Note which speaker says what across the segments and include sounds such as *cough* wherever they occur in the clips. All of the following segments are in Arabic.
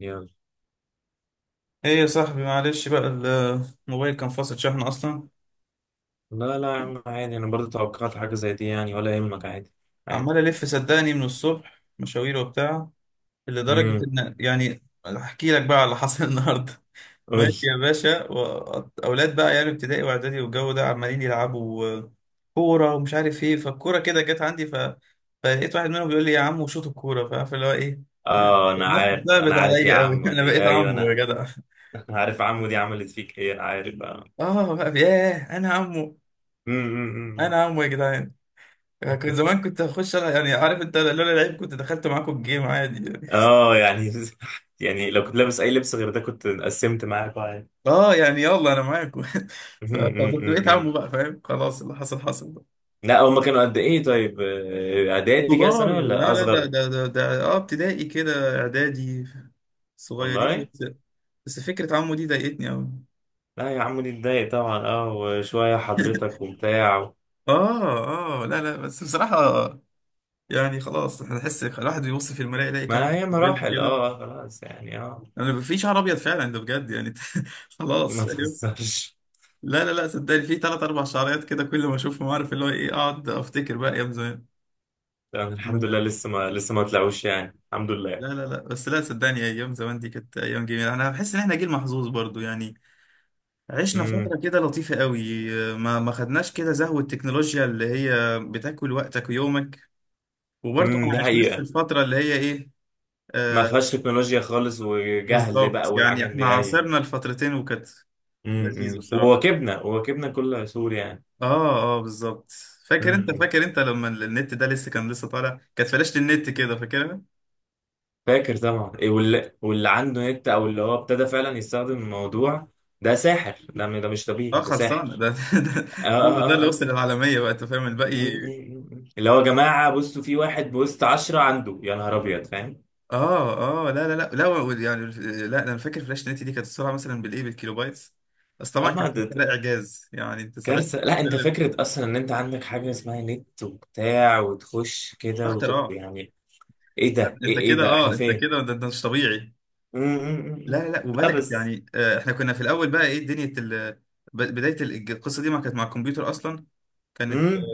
Speaker 1: يلا.
Speaker 2: ايه يا صاحبي، معلش بقى. الموبايل كان فاصل شحن اصلا.
Speaker 1: لا لا يا عم، عادي. انا برضه توقعت حاجه زي دي يعني، ولا يهمك. عادي عادي.
Speaker 2: عمال الف صدقني من الصبح مشاوير وبتاع، لدرجه
Speaker 1: امم.
Speaker 2: ان يعني احكي لك بقى على اللي حصل *laughs* النهارده.
Speaker 1: قول.
Speaker 2: ماشي يا باشا، اولاد بقى يعني ابتدائي واعدادي والجو ده عمالين يلعبوا كوره ومش عارف ايه، فالكوره كده جت عندي فلقيت واحد منهم بيقول لي يا عم شوط الكوره، فعارف اللي هو ايه.
Speaker 1: اه، انا
Speaker 2: نفسي
Speaker 1: عارف انا
Speaker 2: ثابت
Speaker 1: عارف يا
Speaker 2: عليا قوي
Speaker 1: عمو
Speaker 2: *laughs* انا
Speaker 1: دي،
Speaker 2: بقيت
Speaker 1: ايوه
Speaker 2: عمه يا
Speaker 1: انا
Speaker 2: جدع.
Speaker 1: *laughs* أنا عارف عمو دي عملت فيك ايه، انا عارف اه.
Speaker 2: اه بقى، ياه انا عمه!
Speaker 1: امم.
Speaker 2: انا عمه يا جدعان. كنت زمان كنت يعني عارف انت، لولا لعيب كنت دخلت معاكم الجيم عادي يعني *laughs*
Speaker 1: اه يعني *laughs* يعني لو كنت لابس اي لبس غير ده كنت قسمت معاك عادي.
Speaker 2: اه يعني يلا انا معاكم *laughs*
Speaker 1: أمم، أمم،
Speaker 2: فكنت
Speaker 1: أمم،
Speaker 2: بقيت
Speaker 1: أمم.
Speaker 2: عمو بقى، فاهم؟ خلاص، اللي حصل حصل بقى.
Speaker 1: لا هما كانوا قد ايه طيب؟ اعدادي كده
Speaker 2: كبار؟
Speaker 1: سنه
Speaker 2: لا
Speaker 1: ولا
Speaker 2: لا، ده
Speaker 1: اصغر؟
Speaker 2: ده ده, ده اه ابتدائي كده، اعدادي. صغيرين
Speaker 1: والله.
Speaker 2: بس. بس فكرة عمو دي ضايقتني قوي
Speaker 1: لا يا عمو دي اتضايق طبعا، اه وشويه
Speaker 2: *laughs*
Speaker 1: حضرتك وبتاع.
Speaker 2: اه اه، لا لا، بس بصراحة يعني خلاص، احنا نحس الواحد بيبص في المراية يلاقي
Speaker 1: ما
Speaker 2: كام
Speaker 1: هي
Speaker 2: مريض
Speaker 1: مراحل،
Speaker 2: كده.
Speaker 1: اه خلاص يعني اه.
Speaker 2: انا بيبقى في شعر ابيض فعلا، ده بجد يعني *laughs* خلاص.
Speaker 1: ما تهزرش.
Speaker 2: لا لا لا، صدقني في ثلاث اربع شعريات كده، كل ما اشوفهم عارف اللي هو ايه، اقعد افتكر بقى ايام زمان.
Speaker 1: لا، الحمد لله
Speaker 2: لا.
Speaker 1: لسه ما طلعوش يعني، الحمد
Speaker 2: لا
Speaker 1: لله.
Speaker 2: لا لا، بس لا صدقني، ايام زمان دي كانت ايام جميله. انا بحس ان احنا جيل محظوظ برضو يعني، عشنا
Speaker 1: امم،
Speaker 2: فتره كده لطيفه قوي. ما خدناش كده زهو التكنولوجيا اللي هي بتاكل وقتك ويومك، وبرضو ما
Speaker 1: امم. دي
Speaker 2: عشناش في
Speaker 1: حقيقة.
Speaker 2: الفتره اللي هي ايه.
Speaker 1: ما
Speaker 2: آه.
Speaker 1: فيهاش تكنولوجيا خالص، وجهل
Speaker 2: بالظبط
Speaker 1: بقى
Speaker 2: يعني،
Speaker 1: والحاجات
Speaker 2: احنا
Speaker 1: دي اي.
Speaker 2: عاصرنا الفترتين وكانت لذيذه
Speaker 1: امم.
Speaker 2: بصراحه.
Speaker 1: وواكبنا كل سور يعني.
Speaker 2: اه اه، بالظبط. فاكر انت؟
Speaker 1: امم.
Speaker 2: فاكر انت لما النت ده لسه كان لسه طالع، كانت فلاشة النت كده، فاكرها؟
Speaker 1: فاكر طبعا إيه، واللي عنده نت، او اللي هو ابتدى فعلا يستخدم الموضوع ده ساحر، ده مش
Speaker 2: اه،
Speaker 1: طبيعي، ده
Speaker 2: خلصانه
Speaker 1: ساحر.
Speaker 2: ده *laughs* ده
Speaker 1: اه،
Speaker 2: اه ده
Speaker 1: اه،
Speaker 2: اللي
Speaker 1: اه، اه.
Speaker 2: وصل العالميه بقى، انت فاهم
Speaker 1: أمم،
Speaker 2: الباقي.
Speaker 1: أمم، أمم. اللي هو يا جماعة بصوا، في واحد بوسط عشرة عنده، يا نهار ابيض فاهم.
Speaker 2: اه اه، لا يعني، لا ده انا فاكر فلاش نت دي كانت السرعه مثلا بالايه، بالكيلو بايتس. بس طبعا
Speaker 1: اه
Speaker 2: كان ساعتها ده اعجاز، يعني انت ساعتها
Speaker 1: كارثة. لا انت
Speaker 2: بتتكلم
Speaker 1: فكرة اصلا ان انت عندك حاجة اسمها نت وبتاع، وتخش كده
Speaker 2: اختراع!
Speaker 1: يعني. ايه ده؟ ايه
Speaker 2: انت
Speaker 1: ايه
Speaker 2: كده
Speaker 1: ده احنا
Speaker 2: اه، انت
Speaker 1: فين؟
Speaker 2: كده ده انت مش طبيعي.
Speaker 1: مم، مم، مم،
Speaker 2: لا
Speaker 1: مم.
Speaker 2: لا لا،
Speaker 1: لا
Speaker 2: وبدات
Speaker 1: بس.
Speaker 2: يعني احنا كنا في الاول بقى ايه، بدايه القصه دي ما كانت مع الكمبيوتر اصلا، كانت
Speaker 1: مم.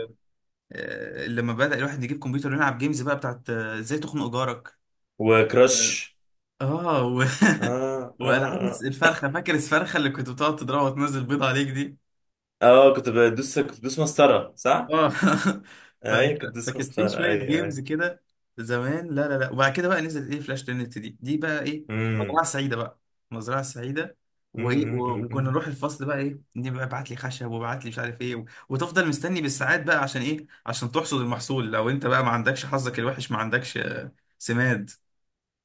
Speaker 2: لما بدأ الواحد يجيب كمبيوتر ويلعب جيمز بقى بتاعت ازاي تخنق جارك.
Speaker 1: وكراش.
Speaker 2: اه و...
Speaker 1: اه،
Speaker 2: *laughs*
Speaker 1: اه،
Speaker 2: والعاب
Speaker 1: اه،
Speaker 2: الفرخه. فاكر الفرخه اللي كنت بتقعد تضربها وتنزل بيض عليك دي؟
Speaker 1: اه. كنت بدوس مسطرة صح؟
Speaker 2: اه *laughs* ف...
Speaker 1: ايوه كنت بدوس
Speaker 2: فكان في
Speaker 1: مسطرة،
Speaker 2: شويه
Speaker 1: ايوه
Speaker 2: جيمز
Speaker 1: ايوه.
Speaker 2: كده زمان. لا لا لا، وبعد كده بقى نزلت ايه، فلاش تنت دي دي بقى ايه،
Speaker 1: مم،
Speaker 2: مزرعه سعيده بقى. مزرعه سعيده،
Speaker 1: مم،
Speaker 2: وايه
Speaker 1: مم، مم،
Speaker 2: وكنا
Speaker 1: مم.
Speaker 2: نروح الفصل بقى ايه، نبقى ابعت لي خشب وابعت لي مش عارف ايه، وتفضل مستني بالساعات بقى عشان ايه، عشان تحصد المحصول. لو انت بقى ما عندكش حظك الوحش، ما عندكش سماد.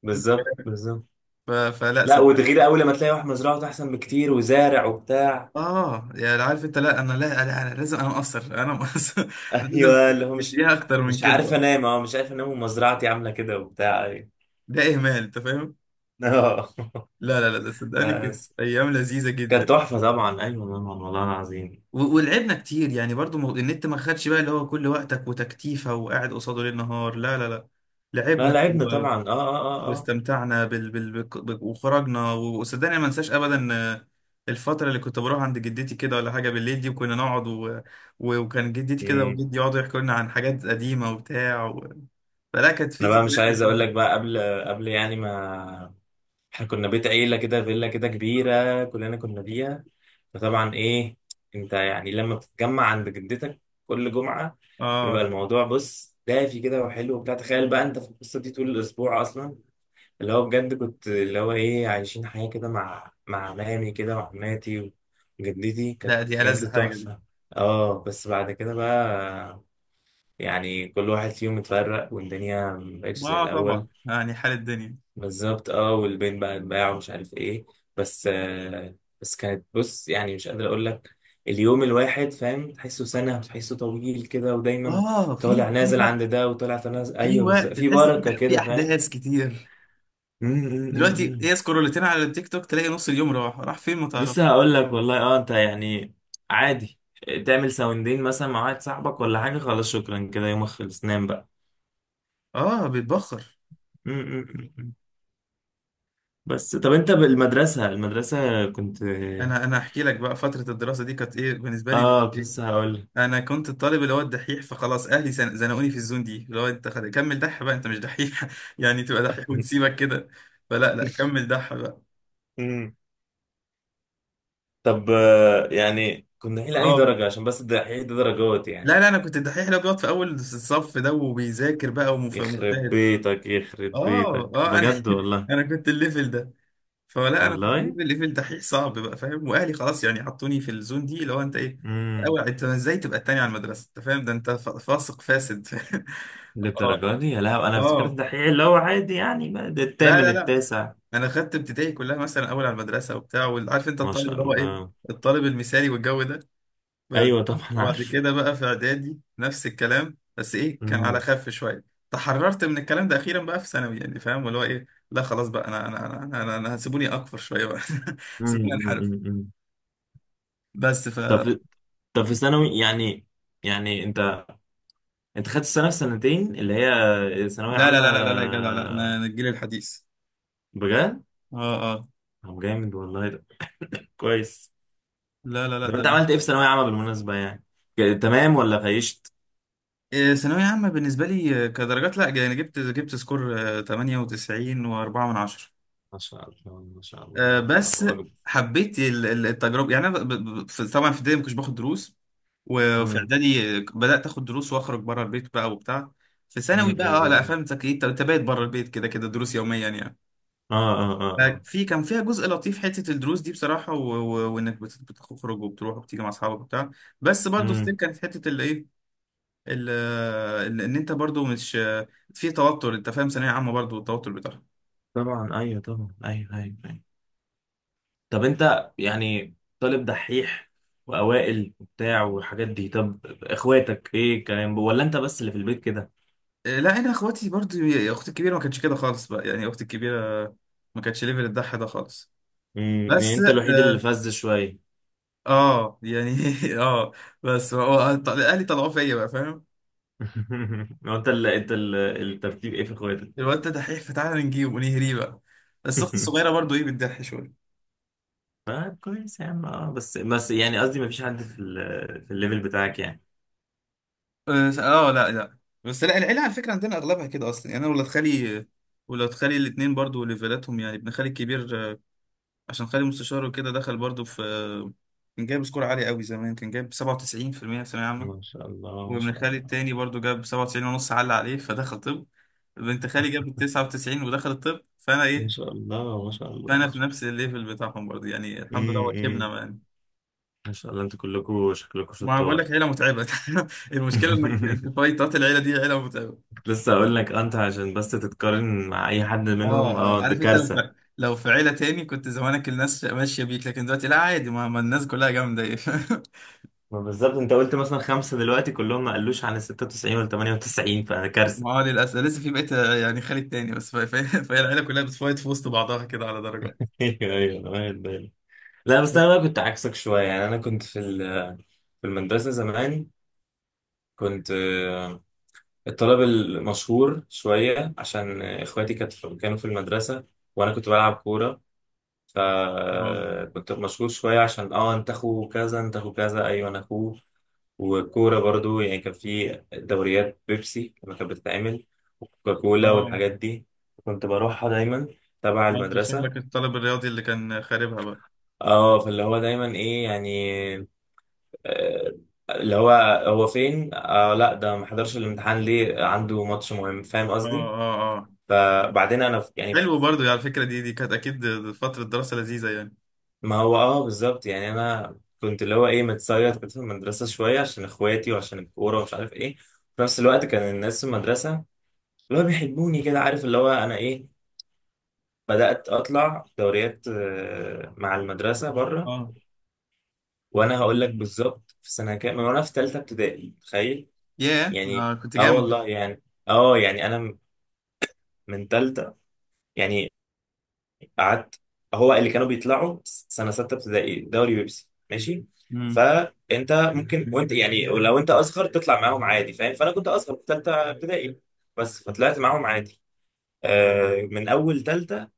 Speaker 1: بالظبط بالظبط.
Speaker 2: فلا.
Speaker 1: لا وتغير اول لما تلاقي واحد مزرعته احسن بكتير وزارع وبتاع.
Speaker 2: اه يعني عارف انت، لا انا لازم، انا مقصر انا مقصر *laughs* لازم
Speaker 1: ايوه، اللي هو مش.
Speaker 2: تديها اكتر من
Speaker 1: مش
Speaker 2: كده
Speaker 1: عارف
Speaker 2: بقى.
Speaker 1: انام، اه مش عارف انام ومزرعتي عامله كده وبتاع أيوة.
Speaker 2: ده اهمال انت فاهم.
Speaker 1: اه *laughs*
Speaker 2: لا لا لا، ده صدقني
Speaker 1: لا
Speaker 2: كده
Speaker 1: بس.
Speaker 2: ايام لذيذه جدا.
Speaker 1: كانت تحفة طبعا، ايوه طبعا، والله العظيم.
Speaker 2: ولعبنا كتير يعني برضو، النت ما خدش بقى اللي هو كل وقتك وتكتيفه، وقاعد قصاده ليل نهار. لا لا لا،
Speaker 1: لا
Speaker 2: لعبنا
Speaker 1: لعبنا طبعا، اه، اه، اه، اه.
Speaker 2: واستمتعنا وخرجنا، وصدقني ما انساش ابدا الفتره اللي كنت بروح عند جدتي كده، ولا حاجه بالليل دي، وكنا نقعد وكان جدتي كده
Speaker 1: امم.
Speaker 2: وجدي يقعدوا يحكوا لنا عن حاجات قديمه وبتاع فلا، كانت في
Speaker 1: انا بقى مش
Speaker 2: ذكريات
Speaker 1: عايز اقول
Speaker 2: لذيذه
Speaker 1: لك بقى
Speaker 2: أوي.
Speaker 1: قبل يعني ما احنا كنا بيت عيلة كده، فيلا كده كبيرة كلنا كنا فيها. فطبعا ايه. انت يعني لما بتتجمع عند جدتك كل جمعة، بيبقى
Speaker 2: اه،
Speaker 1: الموضوع بص دافي كده وحلو وبتاع. تخيل بقى انت في القصة دي طول الاسبوع اصلا. اللي هو بجد كنت اللي هو ايه، عايشين حياة كده مع عمامي كده وعماتي، وجدتي كانت
Speaker 2: لا دي ألذ
Speaker 1: بجد
Speaker 2: حاجه دي.
Speaker 1: تحفة. اه بس بعد كده بقى، يعني كل واحد فيهم اتفرق، والدنيا مبقتش زي
Speaker 2: اه طبعا
Speaker 1: الأول.
Speaker 2: يعني، حال الدنيا.
Speaker 1: بالظبط اه، والبيت بقى اتباع ومش عارف ايه. بس بس كانت بص يعني، مش قادر أقول لك. اليوم الواحد فاهم، تحسه سنة وتحسه طويل كده، ودايما
Speaker 2: اه، في
Speaker 1: طالع
Speaker 2: في
Speaker 1: نازل
Speaker 2: وقت،
Speaker 1: عند ده وطالع نازل،
Speaker 2: في
Speaker 1: أيوه بس
Speaker 2: وقت
Speaker 1: في
Speaker 2: تحس في
Speaker 1: بركة
Speaker 2: في
Speaker 1: كده فاهم.
Speaker 2: احداث كتير.
Speaker 1: أمم، أمم،
Speaker 2: دلوقتي
Speaker 1: أمم.
Speaker 2: هي سكرولتين على التيك توك، تلاقي نص اليوم راح، راح فين ما تعرف.
Speaker 1: لسه هقول لك والله. اه انت يعني عادي تعمل ساوندين مثلا مع واحد صاحبك ولا حاجة، خلاص شكرا كده، يومك خلص نام بقى.
Speaker 2: اه بيتبخر.
Speaker 1: م. بس طب انت بالمدرسة كنت.
Speaker 2: انا احكي لك بقى، فتره الدراسه دي كانت ايه بالنسبه لي مش
Speaker 1: اه كنت
Speaker 2: إيه.
Speaker 1: لسه هقول لك.
Speaker 2: انا كنت الطالب اللي هو الدحيح، فخلاص اهلي زنقوني في الزون دي، اللي هو انت كمل دح بقى، انت مش دحيح *laughs* يعني تبقى دحيح ونسيبك كده؟ فلا لا،
Speaker 1: *laughs*
Speaker 2: كمل دح بقى.
Speaker 1: م. طب، يعني كنا دحيح لأني
Speaker 2: اه
Speaker 1: درجة، عشان بس الدحيح ده درجات
Speaker 2: لا
Speaker 1: يعني.
Speaker 2: لا، انا كنت الدحيح اللي هو بيقعد في اول الصف ده وبيذاكر بقى
Speaker 1: يخرب
Speaker 2: ومجتهد.
Speaker 1: بيتك يخرب
Speaker 2: اه
Speaker 1: بيتك
Speaker 2: اه، انا
Speaker 1: بجد
Speaker 2: *laughs*
Speaker 1: والله.
Speaker 2: انا كنت الليفل ده. فلا انا كنت
Speaker 1: والله.
Speaker 2: الليفل دحيح صعب بقى، فاهم؟ واهلي خلاص يعني حطوني في الزون دي، اللي هو انت ايه،
Speaker 1: امم.
Speaker 2: اول انت ازاي تبقى التاني على المدرسه، انت فاهم؟ ده انت فاسق فاسد *laughs* اه
Speaker 1: للدرجة دي؟ يا لهوي. انا افتكرت
Speaker 2: اه،
Speaker 1: الدحيح اللي هو عادي يعني، بقى ده
Speaker 2: لا
Speaker 1: الثامن
Speaker 2: لا لا،
Speaker 1: التاسع.
Speaker 2: انا خدت ابتدائي كلها مثلا اول على المدرسه وبتاع، وعارف انت
Speaker 1: ما
Speaker 2: الطالب
Speaker 1: شاء
Speaker 2: اللي هو ايه،
Speaker 1: الله.
Speaker 2: الطالب المثالي والجو ده. بس.
Speaker 1: ايوه طبعا
Speaker 2: وبعد
Speaker 1: عارف.
Speaker 2: كده بقى في اعدادي نفس الكلام، بس ايه كان على
Speaker 1: امم.
Speaker 2: خف شويه. تحررت من الكلام ده اخيرا بقى في ثانوي، يعني فاهم اللي هو ايه، لا خلاص بقى أنا هسيبوني اكفر شويه بقى *laughs*
Speaker 1: مم،
Speaker 2: سيبوني
Speaker 1: مم،
Speaker 2: انحرف.
Speaker 1: مم، مم.
Speaker 2: بس ف
Speaker 1: طب في- طب في ثانوي يعني انت خدت السنه في سنتين اللي هي ثانويه
Speaker 2: لا لا
Speaker 1: عامه؟
Speaker 2: لا لا لا لا يا جدع، لا انا، أنا الجيل الحديث.
Speaker 1: بجد؟
Speaker 2: اه اه،
Speaker 1: طب جامد والله ده، كويس.
Speaker 2: لا لا لا
Speaker 1: طب انت
Speaker 2: ده،
Speaker 1: عملت ايه في ثانويه عامه بالمناسبه يعني؟ تمام ولا خيشت؟
Speaker 2: ثانوية عامة بالنسبة لي كدرجات، لا يعني جبت سكور 98 و4 من عشرة
Speaker 1: ما شاء الله ما شاء الله، الله
Speaker 2: بس.
Speaker 1: اكبر.
Speaker 2: حبيت التجربة يعني. أنا طبعا في ابتدائي ما كنتش باخد دروس، وفي
Speaker 1: امم.
Speaker 2: إعدادي بدأت آخد دروس وأخرج بره البيت بقى وبتاع. في
Speaker 1: مم،
Speaker 2: ثانوي
Speaker 1: مم،
Speaker 2: بقى أه،
Speaker 1: مم،
Speaker 2: لا
Speaker 1: مم.
Speaker 2: فاهم أنت، أنت بايت بره البيت كده كده، دروس يوميا يعني.
Speaker 1: اه، اه، اه، اه.
Speaker 2: ففي كان فيها جزء لطيف حتة الدروس دي بصراحة، وإنك بتخرج وبتروح وبتيجي مع أصحابك وبتاع. بس برضه ستيل
Speaker 1: مم.
Speaker 2: كانت حتة اللي إيه، ال- ان انت برضو مش في توتر، انت فاهم؟ ثانويه عامه برضو التوتر بتاعها.
Speaker 1: طبعا ايوه طبعا، ايوه ايوه أيوة. طب انت يعني طالب دحيح، واوائل وبتاع والحاجات دي. طب اخواتك ايه الكلام، ولا انت بس اللي في البيت كده؟
Speaker 2: لا انا اخواتي برضو، يا اختي الكبيره ما كانتش كده خالص بقى، يعني اختي الكبيره ما كانتش ليفل الضحى ده خالص.
Speaker 1: امم، يعني
Speaker 2: بس
Speaker 1: انت الوحيد اللي
Speaker 2: اه
Speaker 1: فز شويه.
Speaker 2: يعني *laughs* اه. بس هو اهلي طلعوه فيا بقى، فاهم؟
Speaker 1: *laughs* هو انت اللي الترتيب ايه في اخواتك؟
Speaker 2: الواد ده دحيح فتعالى نجيبه ونهريه بقى. بس اختي
Speaker 1: *laughs*
Speaker 2: الصغيره برضو ايه بتضحي شويه.
Speaker 1: طيب كويس يا عم، اه بس يعني قصدي ما فيش حد في الليفل بتاعك يعني.
Speaker 2: اه، لا لا. بس لا العيله على فكره عندنا اغلبها كده اصلا، يعني انا ولاد خالي، ولاد خالي الاثنين برضو ليفلاتهم يعني. ابن خالي الكبير، عشان خالي مستشار وكده دخل برضو في، كان جايب سكور عالي قوي زمان، كان جايب 97% في المية في ثانوية عامة.
Speaker 1: ما شاء الله ما
Speaker 2: وابن
Speaker 1: شاء
Speaker 2: خالي
Speaker 1: الله
Speaker 2: التاني برضو جاب 97 ونص، علق عليه فدخل طب. بنت خالي جابت 99 ودخل الطب. فانا
Speaker 1: ما
Speaker 2: ايه،
Speaker 1: شاء الله ما شاء الله
Speaker 2: فانا
Speaker 1: ما
Speaker 2: في
Speaker 1: شاء الله.
Speaker 2: نفس الليفل بتاعهم برضو يعني، الحمد لله،
Speaker 1: امم.
Speaker 2: وكبنا يعني.
Speaker 1: ما شاء الله، انتوا كلكم شكلكم
Speaker 2: ما أنا بقول لك،
Speaker 1: شطار.
Speaker 2: عيلة متعبة *laughs* المشكلة انك انت
Speaker 1: *laughs*
Speaker 2: فايتات، العيلة دي عيلة متعبة.
Speaker 1: لسه اقول لك، انت عشان بس تتقارن مع اي حد
Speaker 2: اه
Speaker 1: منهم، اه
Speaker 2: اه،
Speaker 1: ده
Speaker 2: عارف انت، لو
Speaker 1: كارثه.
Speaker 2: في، لو في عيلة تاني كنت زمانك الناس ماشية بيك، لكن دلوقتي لا عادي، ما الناس كلها جامدة *laughs* ايه،
Speaker 1: ما بالظبط، انت قلت مثلا خمسه دلوقتي كلهم، ما قالوش عن ال 96 ولا 98، فده كارثه.
Speaker 2: ما هو للأسف لسه في بقيت يعني خالد تاني بس، *laughs* فهي العيلة كلها بتفايت في وسط بعضها كده على درجات.
Speaker 1: *laughs* ايوه ايوه، انا واخد بالي. لا بس انا بقى كنت عكسك شويه يعني، انا كنت في المدرسه زمان كنت الطالب المشهور شويه، عشان اخواتي كانوا في المدرسه، وانا كنت بلعب كوره.
Speaker 2: اه
Speaker 1: فكنت مشغول شوية، عشان اه انت اخو كذا انت اخو كذا، ايوه انا اخوه. والكورة برضو يعني، كان في دوريات بيبسي لما كانت بتتعمل، وكوكاكولا
Speaker 2: اه،
Speaker 1: والحاجات دي. كنت بروحها دايما، تبع
Speaker 2: ما انت
Speaker 1: المدرسة.
Speaker 2: شكلك الطالب الرياضي اللي كان خاربها بقى.
Speaker 1: اه فاللي هو دايما ايه يعني، آه، اللي هو، هو فين؟ لا ده ما حضرش الامتحان، ليه؟ عنده ماتش مهم، فاهم
Speaker 2: اه
Speaker 1: قصدي؟
Speaker 2: اه اه.
Speaker 1: فبعدين انا يعني.
Speaker 2: حلو برضو على فكرة، دي دي كانت أكيد فترة دراسة لذيذة يعني.
Speaker 1: ما هو اه بالظبط يعني، انا كنت اللي هو ايه، متسيط كنت في المدرسه شويه عشان اخواتي وعشان الكوره ومش عارف ايه. في نفس الوقت كان الناس في المدرسه اللي هو بيحبوني كده، عارف اللي هو انا ايه. بدات اطلع دوريات مع المدرسه بره.
Speaker 2: اه،
Speaker 1: وانا هقول لك بالظبط في سنه كام، من وانا في ثالثه ابتدائي، تخيل.
Speaker 2: ياه
Speaker 1: يعني
Speaker 2: اه كنت
Speaker 1: اه
Speaker 2: جامد بقى.
Speaker 1: والله يعني، اه يعني انا من ثالثه يعني قعدت. هو اللي كانوا بيطلعوا سنه سته ابتدائي دوري بيبسي، ماشي.
Speaker 2: امم
Speaker 1: فانت ممكن وانت يعني لو انت اصغر تطلع معاهم عادي فاهم. فانا كنت اصغر في ثالثه ابتدائي بس، فطلعت معاهم عادي. آه، من اول ثالثه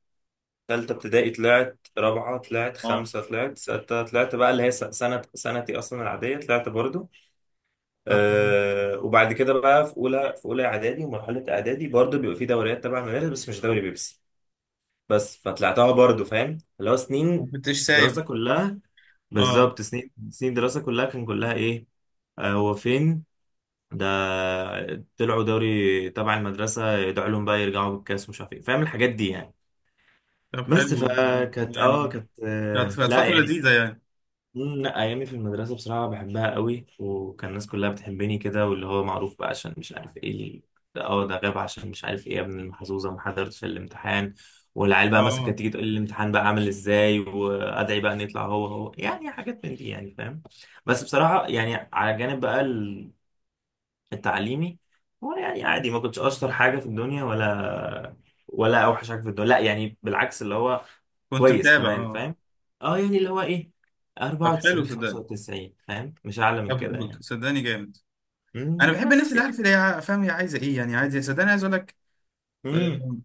Speaker 1: ثالثه ابتدائي طلعت رابعه طلعت
Speaker 2: اه.
Speaker 1: خمسه طلعت سته طلعت بقى اللي هي سنه سنتي اصلا العاديه، طلعت برضو.
Speaker 2: طب،
Speaker 1: آه، وبعد كده بقى في اولى اعدادي، ومرحله اعدادي برضو بيبقى في دوريات تبع المدارس، بس مش دوري بيبسي. بس فطلعتها برضه، فاهم اللي هو
Speaker 2: ما
Speaker 1: سنين
Speaker 2: كنتش
Speaker 1: دراسة
Speaker 2: سايب.
Speaker 1: كلها.
Speaker 2: اه،
Speaker 1: بالظبط سنين سنين دراسة كلها، كان كلها ايه. هو فين ده؟ طلعوا دوري تبع المدرسة ده، علوم بقى يرجعوا بالكاس ومش عارف ايه، فاهم الحاجات دي يعني.
Speaker 2: طب
Speaker 1: بس
Speaker 2: حلو
Speaker 1: فكانت اه
Speaker 2: يعني،
Speaker 1: كانت
Speaker 2: كانت كانت
Speaker 1: لا
Speaker 2: فترة
Speaker 1: يعني.
Speaker 2: لذيذة يعني.
Speaker 1: مم، لا ايامي في المدرسه بصراحه بحبها قوي، وكان الناس كلها بتحبني كده، واللي هو معروف بقى عشان مش عارف ايه ده غاب عشان مش عارف ايه، يا ابن المحظوظه ما حضرتش الامتحان. والعيال بقى مثلا كانت
Speaker 2: اه،
Speaker 1: تيجي تقول لي الامتحان بقى عامل ازاي، وادعي بقى ان يطلع هو هو، يعني حاجات من دي يعني فاهم. بس بصراحه يعني، على جانب بقى التعليمي، هو يعني عادي، ما كنتش اشطر حاجه في الدنيا ولا اوحش حاجه في الدنيا، لا يعني بالعكس اللي هو.
Speaker 2: كنت
Speaker 1: كويس
Speaker 2: متابع
Speaker 1: كمان
Speaker 2: اه.
Speaker 1: فاهم. اه يعني اللي هو ايه،
Speaker 2: طب حلو
Speaker 1: 94
Speaker 2: صدقني.
Speaker 1: 95 فاهم، مش اعلى من
Speaker 2: طب،
Speaker 1: كده يعني.
Speaker 2: صدقني جامد. انا بحب الناس
Speaker 1: بس
Speaker 2: اللي عارفه
Speaker 1: يعني.
Speaker 2: اللي هي فاهم، هي عايزه ايه يعني، عايزه إيه. صدقني عايز اقول لك،
Speaker 1: امم.
Speaker 2: آم،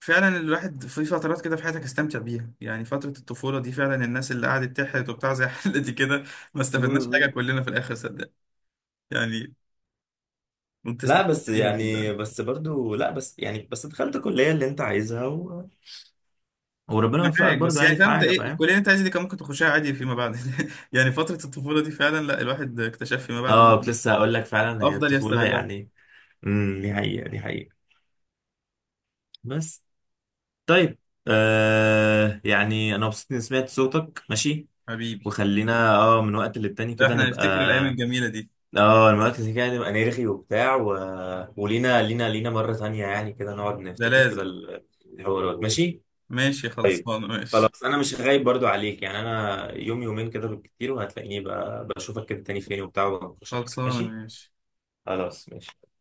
Speaker 2: فعلا الواحد في فترات كده في حياتك استمتع بيها، يعني فتره الطفوله دي فعلا. الناس اللي قعدت تحرت وبتاع زي *laughs* حالتي كده، ما استفدناش حاجه
Speaker 1: مم.
Speaker 2: كلنا في الاخر صدقني يعني. انت
Speaker 1: لا
Speaker 2: استفدت
Speaker 1: بس
Speaker 2: بيها صدقني،
Speaker 1: يعني بس برضو، لا بس يعني بس دخلت الكليه اللي انت عايزها وربنا وفقك
Speaker 2: معاك
Speaker 1: برضو،
Speaker 2: بس يعني،
Speaker 1: يعني في
Speaker 2: فاهم انت،
Speaker 1: حاجه
Speaker 2: ايه
Speaker 1: فاهم.
Speaker 2: الكليه اللي انت عايزها دي كان ممكن تخشها عادي فيما بعد *laughs* يعني فتره الطفوله دي فعلا، لا الواحد اكتشف فيما بعد إنه
Speaker 1: اه كنت لسه هقول لك، فعلا هي
Speaker 2: افضل
Speaker 1: الطفوله
Speaker 2: يستغلها.
Speaker 1: يعني. امم، دي حقيقه دي حقيقه. بس. طيب، يعني انا مبسوط اني سمعت صوتك ماشي.
Speaker 2: حبيبي،
Speaker 1: وخلينا اه من وقت للتاني
Speaker 2: لا
Speaker 1: كده
Speaker 2: احنا
Speaker 1: نبقى.
Speaker 2: نفتكر الايام الجميله دي،
Speaker 1: اه من وقت للتاني كده نبقى نرغي وبتاع ولينا لينا لينا مرة تانية يعني كده نقعد
Speaker 2: ده
Speaker 1: نفتكر كده
Speaker 2: لازم.
Speaker 1: الحوارات ماشي.
Speaker 2: ماشي
Speaker 1: طيب
Speaker 2: خلصانه ماشي.
Speaker 1: خلاص. انا مش غايب برضو عليك يعني، انا يوم يومين كده بالكتير، وهتلاقيني بقى بشوفك كده تاني فين وبتاع، وبناقشك
Speaker 2: خلصانه
Speaker 1: ماشي.
Speaker 2: ماشي.
Speaker 1: خلاص ماشي.